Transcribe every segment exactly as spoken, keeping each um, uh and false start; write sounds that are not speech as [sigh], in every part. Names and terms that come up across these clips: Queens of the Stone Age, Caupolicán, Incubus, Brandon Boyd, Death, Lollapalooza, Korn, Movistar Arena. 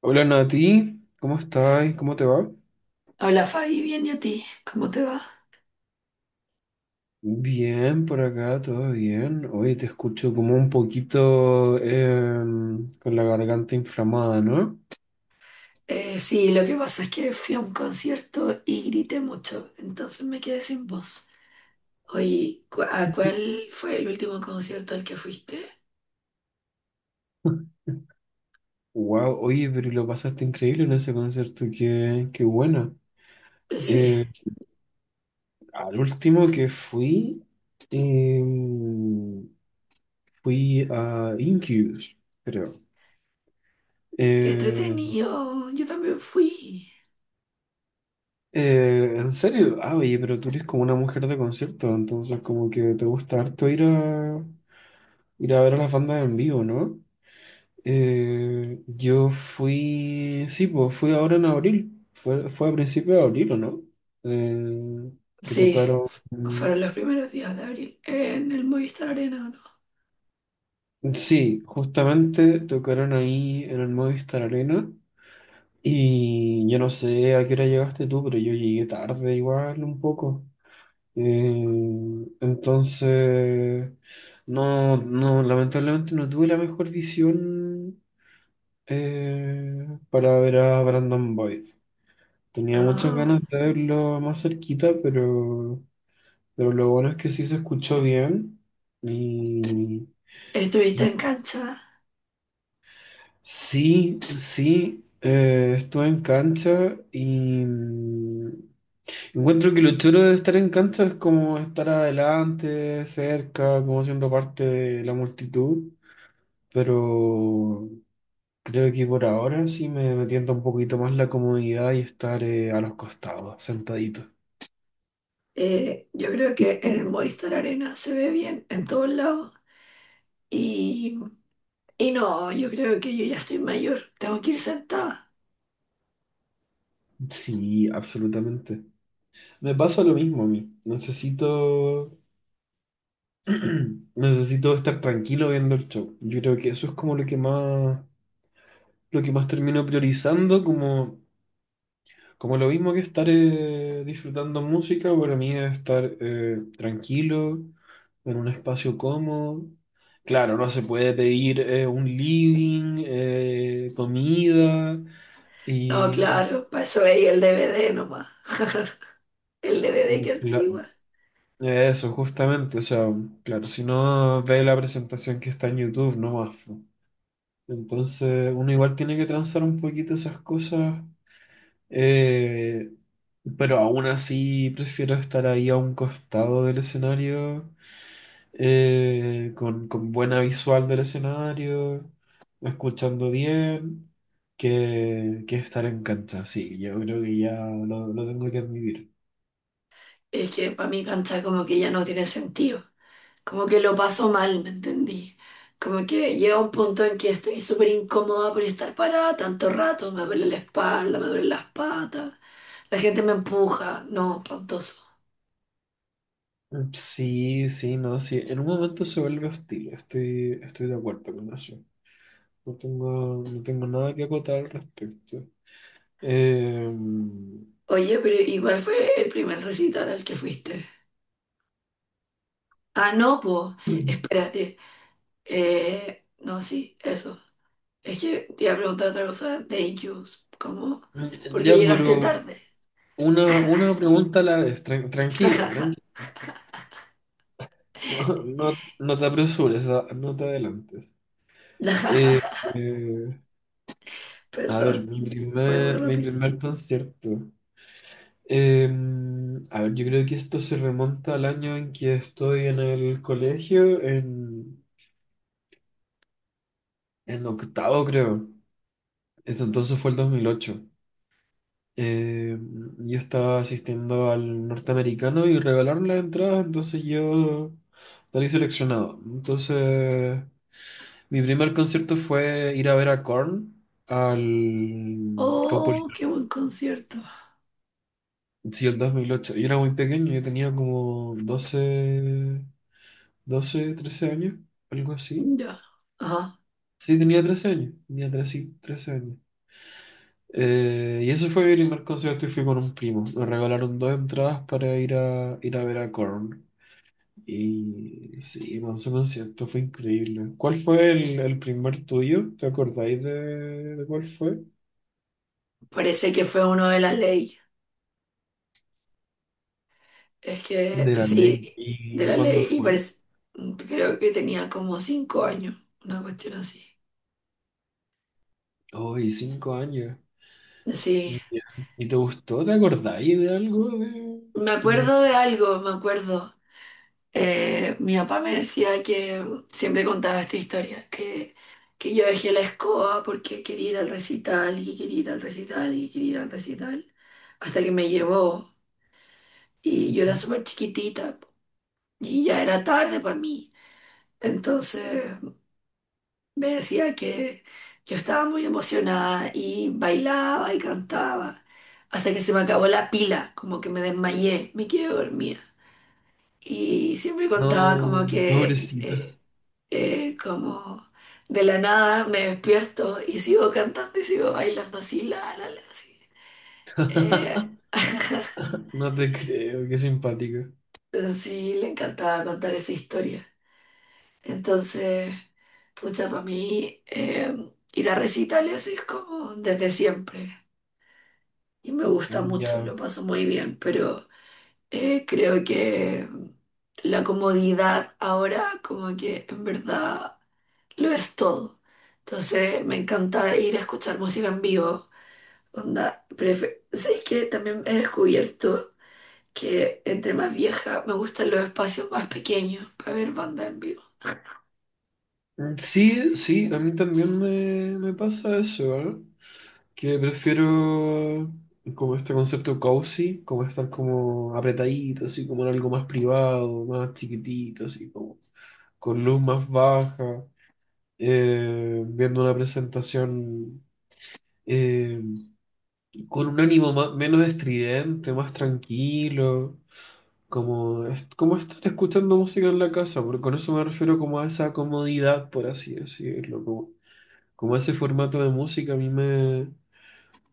Hola Nati, ¿cómo estás? ¿Cómo te va? Hola Fabi, bien, y a ti, ¿cómo te va? Bien, por acá, todo bien. Oye, te escucho como un poquito em, con la garganta inflamada, ¿no? Eh, sí, lo que pasa es que fui a un concierto y grité mucho, entonces me quedé sin voz. Oye, ¿cu- ¿a cuál fue el último concierto al que fuiste? Wow, oye, pero lo pasaste increíble en ese concierto, qué, qué bueno. Pues sí, Eh, Al último que fui, em, fui a Incubus, creo. qué Eh, entretenido, yo también fui. Eh, ¿en serio? Ah, oye, pero tú eres como una mujer de concierto, entonces como que te gusta harto ir a, ir a ver a las bandas en vivo, ¿no? Eh, yo fui, sí, pues fui ahora en abril, fue, fue a principios de abril, ¿o no? Eh, que Sí, tocaron, fueron los primeros días de abril en el Movistar Arena. sí, justamente tocaron ahí en el Movistar Arena y yo no sé a qué hora llegaste tú, pero yo llegué tarde igual un poco. Eh, entonces, no, no, lamentablemente no tuve la mejor visión eh, para ver a Brandon Boyd. ¿O Tenía no? muchas No, ganas de verlo más cerquita, pero, pero lo bueno es que sí se escuchó bien. Y estuviste en cancha. sí, sí, eh, estuve en cancha y mm, encuentro que lo chulo de estar en cancha es como estar adelante, cerca, como siendo parte de la multitud, pero creo que por ahora sí me, me tienta un poquito más la comodidad y estar eh, a los costados, sentadito. Eh, yo creo que en el Mm. Movistar Arena se ve bien en todos lados. Y Y no, yo creo que yo ya estoy mayor. Tengo que ir sentada. Sí, absolutamente. Me pasa lo mismo a mí. Necesito, [clears throat] necesito estar tranquilo viendo el show. Yo creo que eso es como lo que más, lo que más termino priorizando, como Como lo mismo que estar eh, disfrutando música, para mí es estar eh, tranquilo, en un espacio cómodo. Claro, no se puede pedir eh, un living, eh, comida No, y, y- claro, para eso veía el D V D nomás. [laughs] El D V D, que la- antigua. eso, justamente. O sea, claro, si no ve la presentación que está en YouTube, no más. Entonces, uno igual tiene que transar un poquito esas cosas. Eh, pero aún así prefiero estar ahí a un costado del escenario, eh, con, con buena visual del escenario, escuchando bien, que, que estar en cancha. Sí, yo creo que ya lo, lo tengo que admitir. Es que para mí cantar como que ya no tiene sentido, como que lo paso mal, ¿me entendí? Como que llega un punto en que estoy súper incómoda por estar parada tanto rato. Me duele la espalda, me duelen las patas. La gente me empuja. No, espantoso. Sí, sí, no, sí. En un momento se vuelve hostil, estoy, estoy de acuerdo con eso. No tengo, no tengo nada que acotar al respecto. Eh, Oye, pero igual fue el primer recital al que fuiste. Ah, no, pues, [clears throat] espérate. Eh, no, sí, eso. Es que te iba a preguntar otra cosa de Incubus. ¿Cómo? Porque ya, llegaste pero tarde. Una, una pregunta a la vez, tran- tranquila, [laughs] tranquila. [laughs] No, no te apresures, ah, no te adelantes. Eh, eh, a ver, Perdón, mi voy muy primer, mi rápido. primer concierto. Eh, a ver, yo creo que esto se remonta al año en que estoy en el colegio, en, en octavo creo. Eso entonces fue el dos mil ocho. Eh, yo estaba asistiendo al norteamericano y regalaron las entradas, entonces yo salí seleccionado. Entonces, mi primer concierto fue ir a ver a Korn al Oh, Caupolicán. qué buen concierto. Sí, el dos mil ocho. Yo era muy pequeño, yo tenía como doce, doce, trece años, algo así. Ya. Ajá. Sí, tenía trece años, tenía trece, trece años. Eh, y ese fue mi primer concierto y fui con un primo. Me regalaron dos entradas para ir a, ir a ver a Korn. Y sí, man, ese concierto fue increíble. ¿Cuál fue el, el primer tuyo? ¿Te acordáis de, de cuál fue? Parece que fue uno de la Ley. Es De que la sí, ley. de ¿Y la cuándo Ley. Y fue? parece, creo que tenía como cinco años, una cuestión así. Hoy, cinco años. Sí, Ya. ¿Y te gustó? ¿Te acordáis de algo? De... me ¿Tenéis- acuerdo de algo, me acuerdo. Eh, mi papá me decía que siempre contaba esta historia, que que yo dejé la escoba porque quería ir al recital y quería ir al recital y quería ir al recital, hasta que me llevó, y yo era Ujú. súper chiquitita y ya era tarde para mí. Entonces me decía que yo estaba muy emocionada y bailaba y cantaba, hasta que se me acabó la pila, como que me desmayé, me quedé dormida. Y siempre contaba como No, que... pobrecito. eh, eh, como de la nada me despierto y sigo cantando y sigo bailando así, la, la, la, así. Eh, [laughs] [laughs] No te creo, qué simpático. sí, le encantaba contar esa historia. Entonces, pucha, para mí eh, ir a recitales es como desde siempre y me gusta mucho, Ya. lo paso muy bien, pero eh, creo que la comodidad ahora como que en verdad lo es todo. Entonces, me encanta ir a escuchar música en vivo. Onda, prefe- ¿sabes qué? También he descubierto que entre más vieja me gustan los espacios más pequeños para ver banda en vivo. Sí, sí, a mí también me, me pasa eso, ¿eh? Que prefiero como este concepto cozy, como estar como apretadito, así como en algo más privado, más chiquitito, así como con luz más baja. Eh, viendo una presentación eh, con un ánimo ma- menos estridente, más tranquilo, como, es- como estar escuchando música en la casa, porque con eso me refiero como a esa comodidad, por así decirlo, como, como ese formato de música a mí me.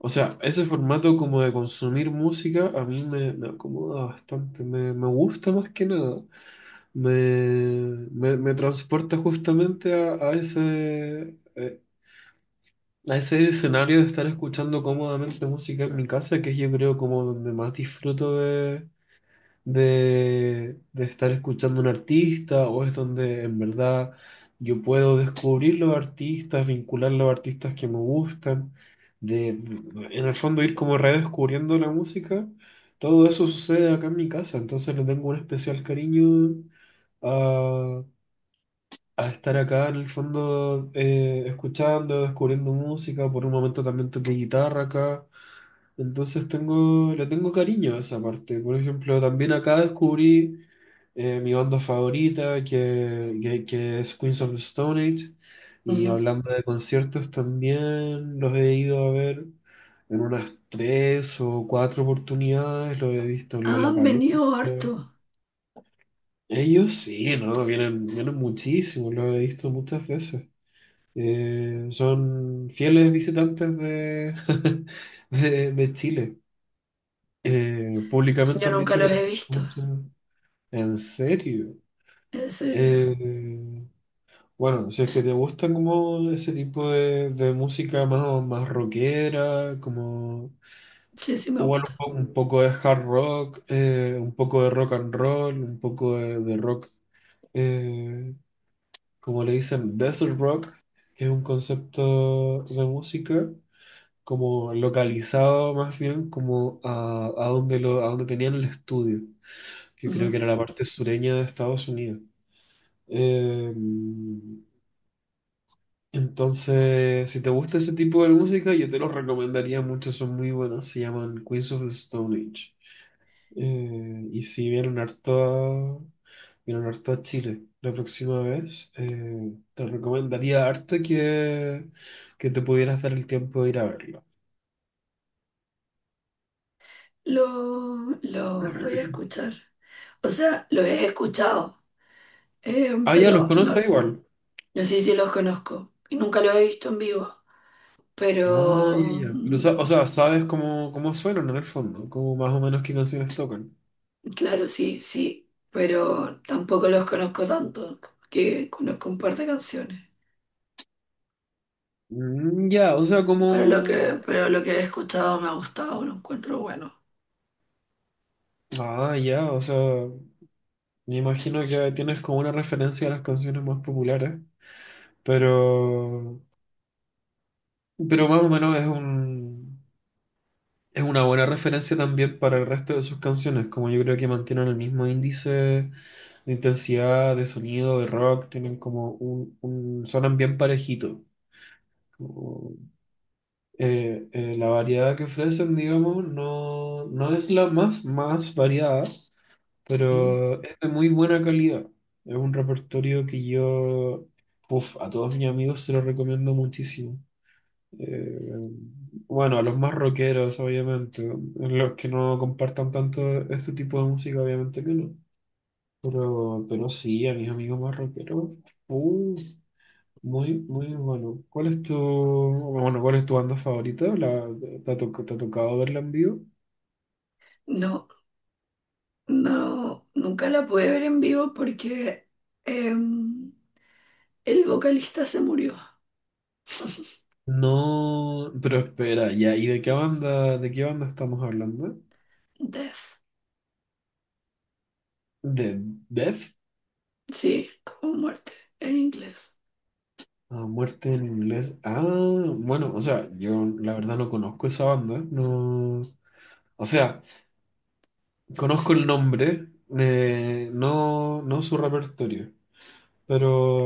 O sea, ese formato como de consumir música a mí me, me acomoda bastante, me, me gusta más que nada. Me, me, me transporta justamente a, a ese, eh, a ese escenario de estar escuchando cómodamente música en mi casa, que es yo creo como donde más disfruto de, de, de estar escuchando un artista, o es donde en verdad yo puedo descubrir los artistas, vincular los artistas que me gustan, de, en el fondo ir como redescubriendo la música. Todo eso sucede acá en mi casa, entonces le tengo un especial cariño a estar acá en el fondo eh, escuchando, descubriendo música, por un momento también toqué guitarra acá, entonces tengo, le tengo cariño a esa parte. Por ejemplo, también acá descubrí eh, mi banda favorita, que, que, que es Queens of the Stone Age, y Ujú. hablando de conciertos también los he ido a ver en unas tres o cuatro oportunidades, los he visto en Han Lollapalooza. venido harto. Ellos sí, ¿no? Vienen, vienen muchísimo, los he visto muchas veces. Eh, son fieles visitantes de, [laughs] de, de Chile. Eh, públicamente Yo han nunca dicho que los les he visto. gusta mucho. ¿En serio? En serio. Eh, bueno, si es que te gusta como ese tipo de, de música más, más rockera, como Sí, sí me igual gusta. un po- un poco, de hard rock, eh, un poco de rock and roll, un poco de, de rock, eh, como le dicen, desert rock, que es un concepto de música. Como localizado más bien como a, a donde lo, a donde tenían el estudio, que creo que Ujú. era la Mm. parte sureña de Estados Unidos. Eh, entonces, si te gusta ese tipo de música, yo te los recomendaría mucho, son muy buenos, se llaman Queens of the Stone Age. Eh, y si vienen harto, a- vienen harto a Chile la próxima vez, eh, te recomendaría harto que, que te pudieras dar el tiempo de ir a verlo. Lo- los voy a escuchar. O sea, los he escuchado, eh, Ah, ya los pero no, conoces igual. no sé si los conozco. Y nunca los he visto en vivo. Ah, ya, Pero ya. Pero, mm, sa- o sea, sabes cómo, cómo, suenan en el fondo, como más o menos qué canciones tocan. claro, sí, sí, pero tampoco los conozco tanto, que conozco un par de canciones. Mm, ya, o sea, Pero lo como. que, pero lo que he escuchado me ha gustado, lo encuentro bueno. Ah, ya, o sea, me imagino que tienes como una referencia a las canciones más populares, pero. Pero más o menos es un. Es una buena referencia también para el resto de sus canciones, como yo creo que mantienen el mismo índice de intensidad, de sonido, de rock, tienen como un... un- sonan bien parejitos. Eh, eh, la variedad que ofrecen, digamos, no, no es la más, más variada, ¿Mm? pero es de muy buena calidad. Es un repertorio que yo, uf, a todos mis amigos se lo recomiendo muchísimo. Eh, bueno, a los más rockeros, obviamente, los que no compartan tanto este tipo de música, obviamente que no. Pero, pero sí, a mis amigos más rockeros, uf, muy, muy bueno. ¿Cuál es tu, bueno, cuál es tu banda favorita? ¿La, te ha, toc- te ha tocado verla en vivo? No, no, nunca la pude ver en vivo porque em, el vocalista se murió. No, pero espera, ya, ¿y de qué banda, de qué banda estamos hablando? Death, ¿De Death? sí, como muerte en inglés. Ah, muerte en inglés. Ah, bueno, o sea, yo la verdad no conozco esa banda, no, o sea, conozco el nombre, eh, no, no su repertorio,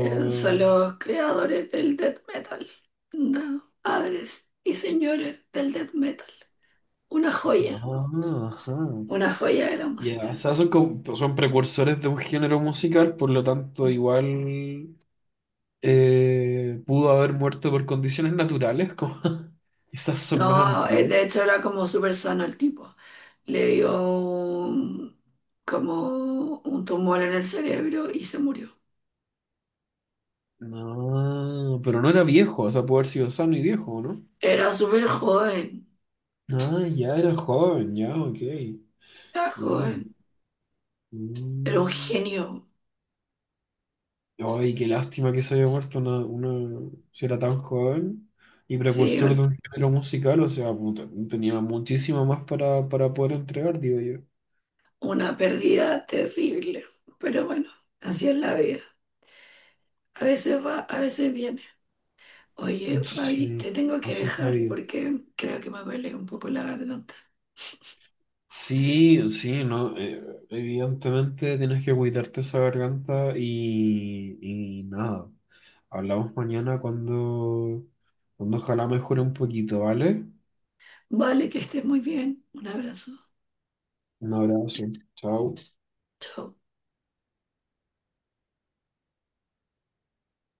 Eh, son los creadores del death metal, ¿no? Padres y señores del death metal. Una joya, Ah, ajá. una joya de la Ya, música. o sea, son, como- son precursores de un género musical, por lo tanto, igual eh, pudo haber muerto por condiciones naturales, como [laughs] esas son más No, eh, antiguas. de hecho era como súper sano el tipo. Le dio un- como un tumor en el cerebro y se murió. No, pero no era viejo, o sea, pudo haber sido sano y viejo, ¿no? Era súper joven, Ah, ya era joven, ya, ok, era ya. joven, era un Mm. genio, Ay, qué lástima que se haya muerto una, una, si era tan joven y sí, precursor de un- un género musical, o sea, puta, tenía muchísimo más para, para poder entregar, digo yo. una pérdida terrible. Pero bueno, así es la vida. A veces va, a veces viene. Oye, Fabi, Sí, te tengo que así es la dejar vida. porque creo que me duele un poco la garganta. Sí, sí, no, eh, evidentemente tienes que cuidarte esa garganta y, y nada. Hablamos mañana cuando, cuando ojalá mejore un poquito, ¿vale? Vale, que estés muy bien. Un abrazo. Un abrazo, chao. Chao.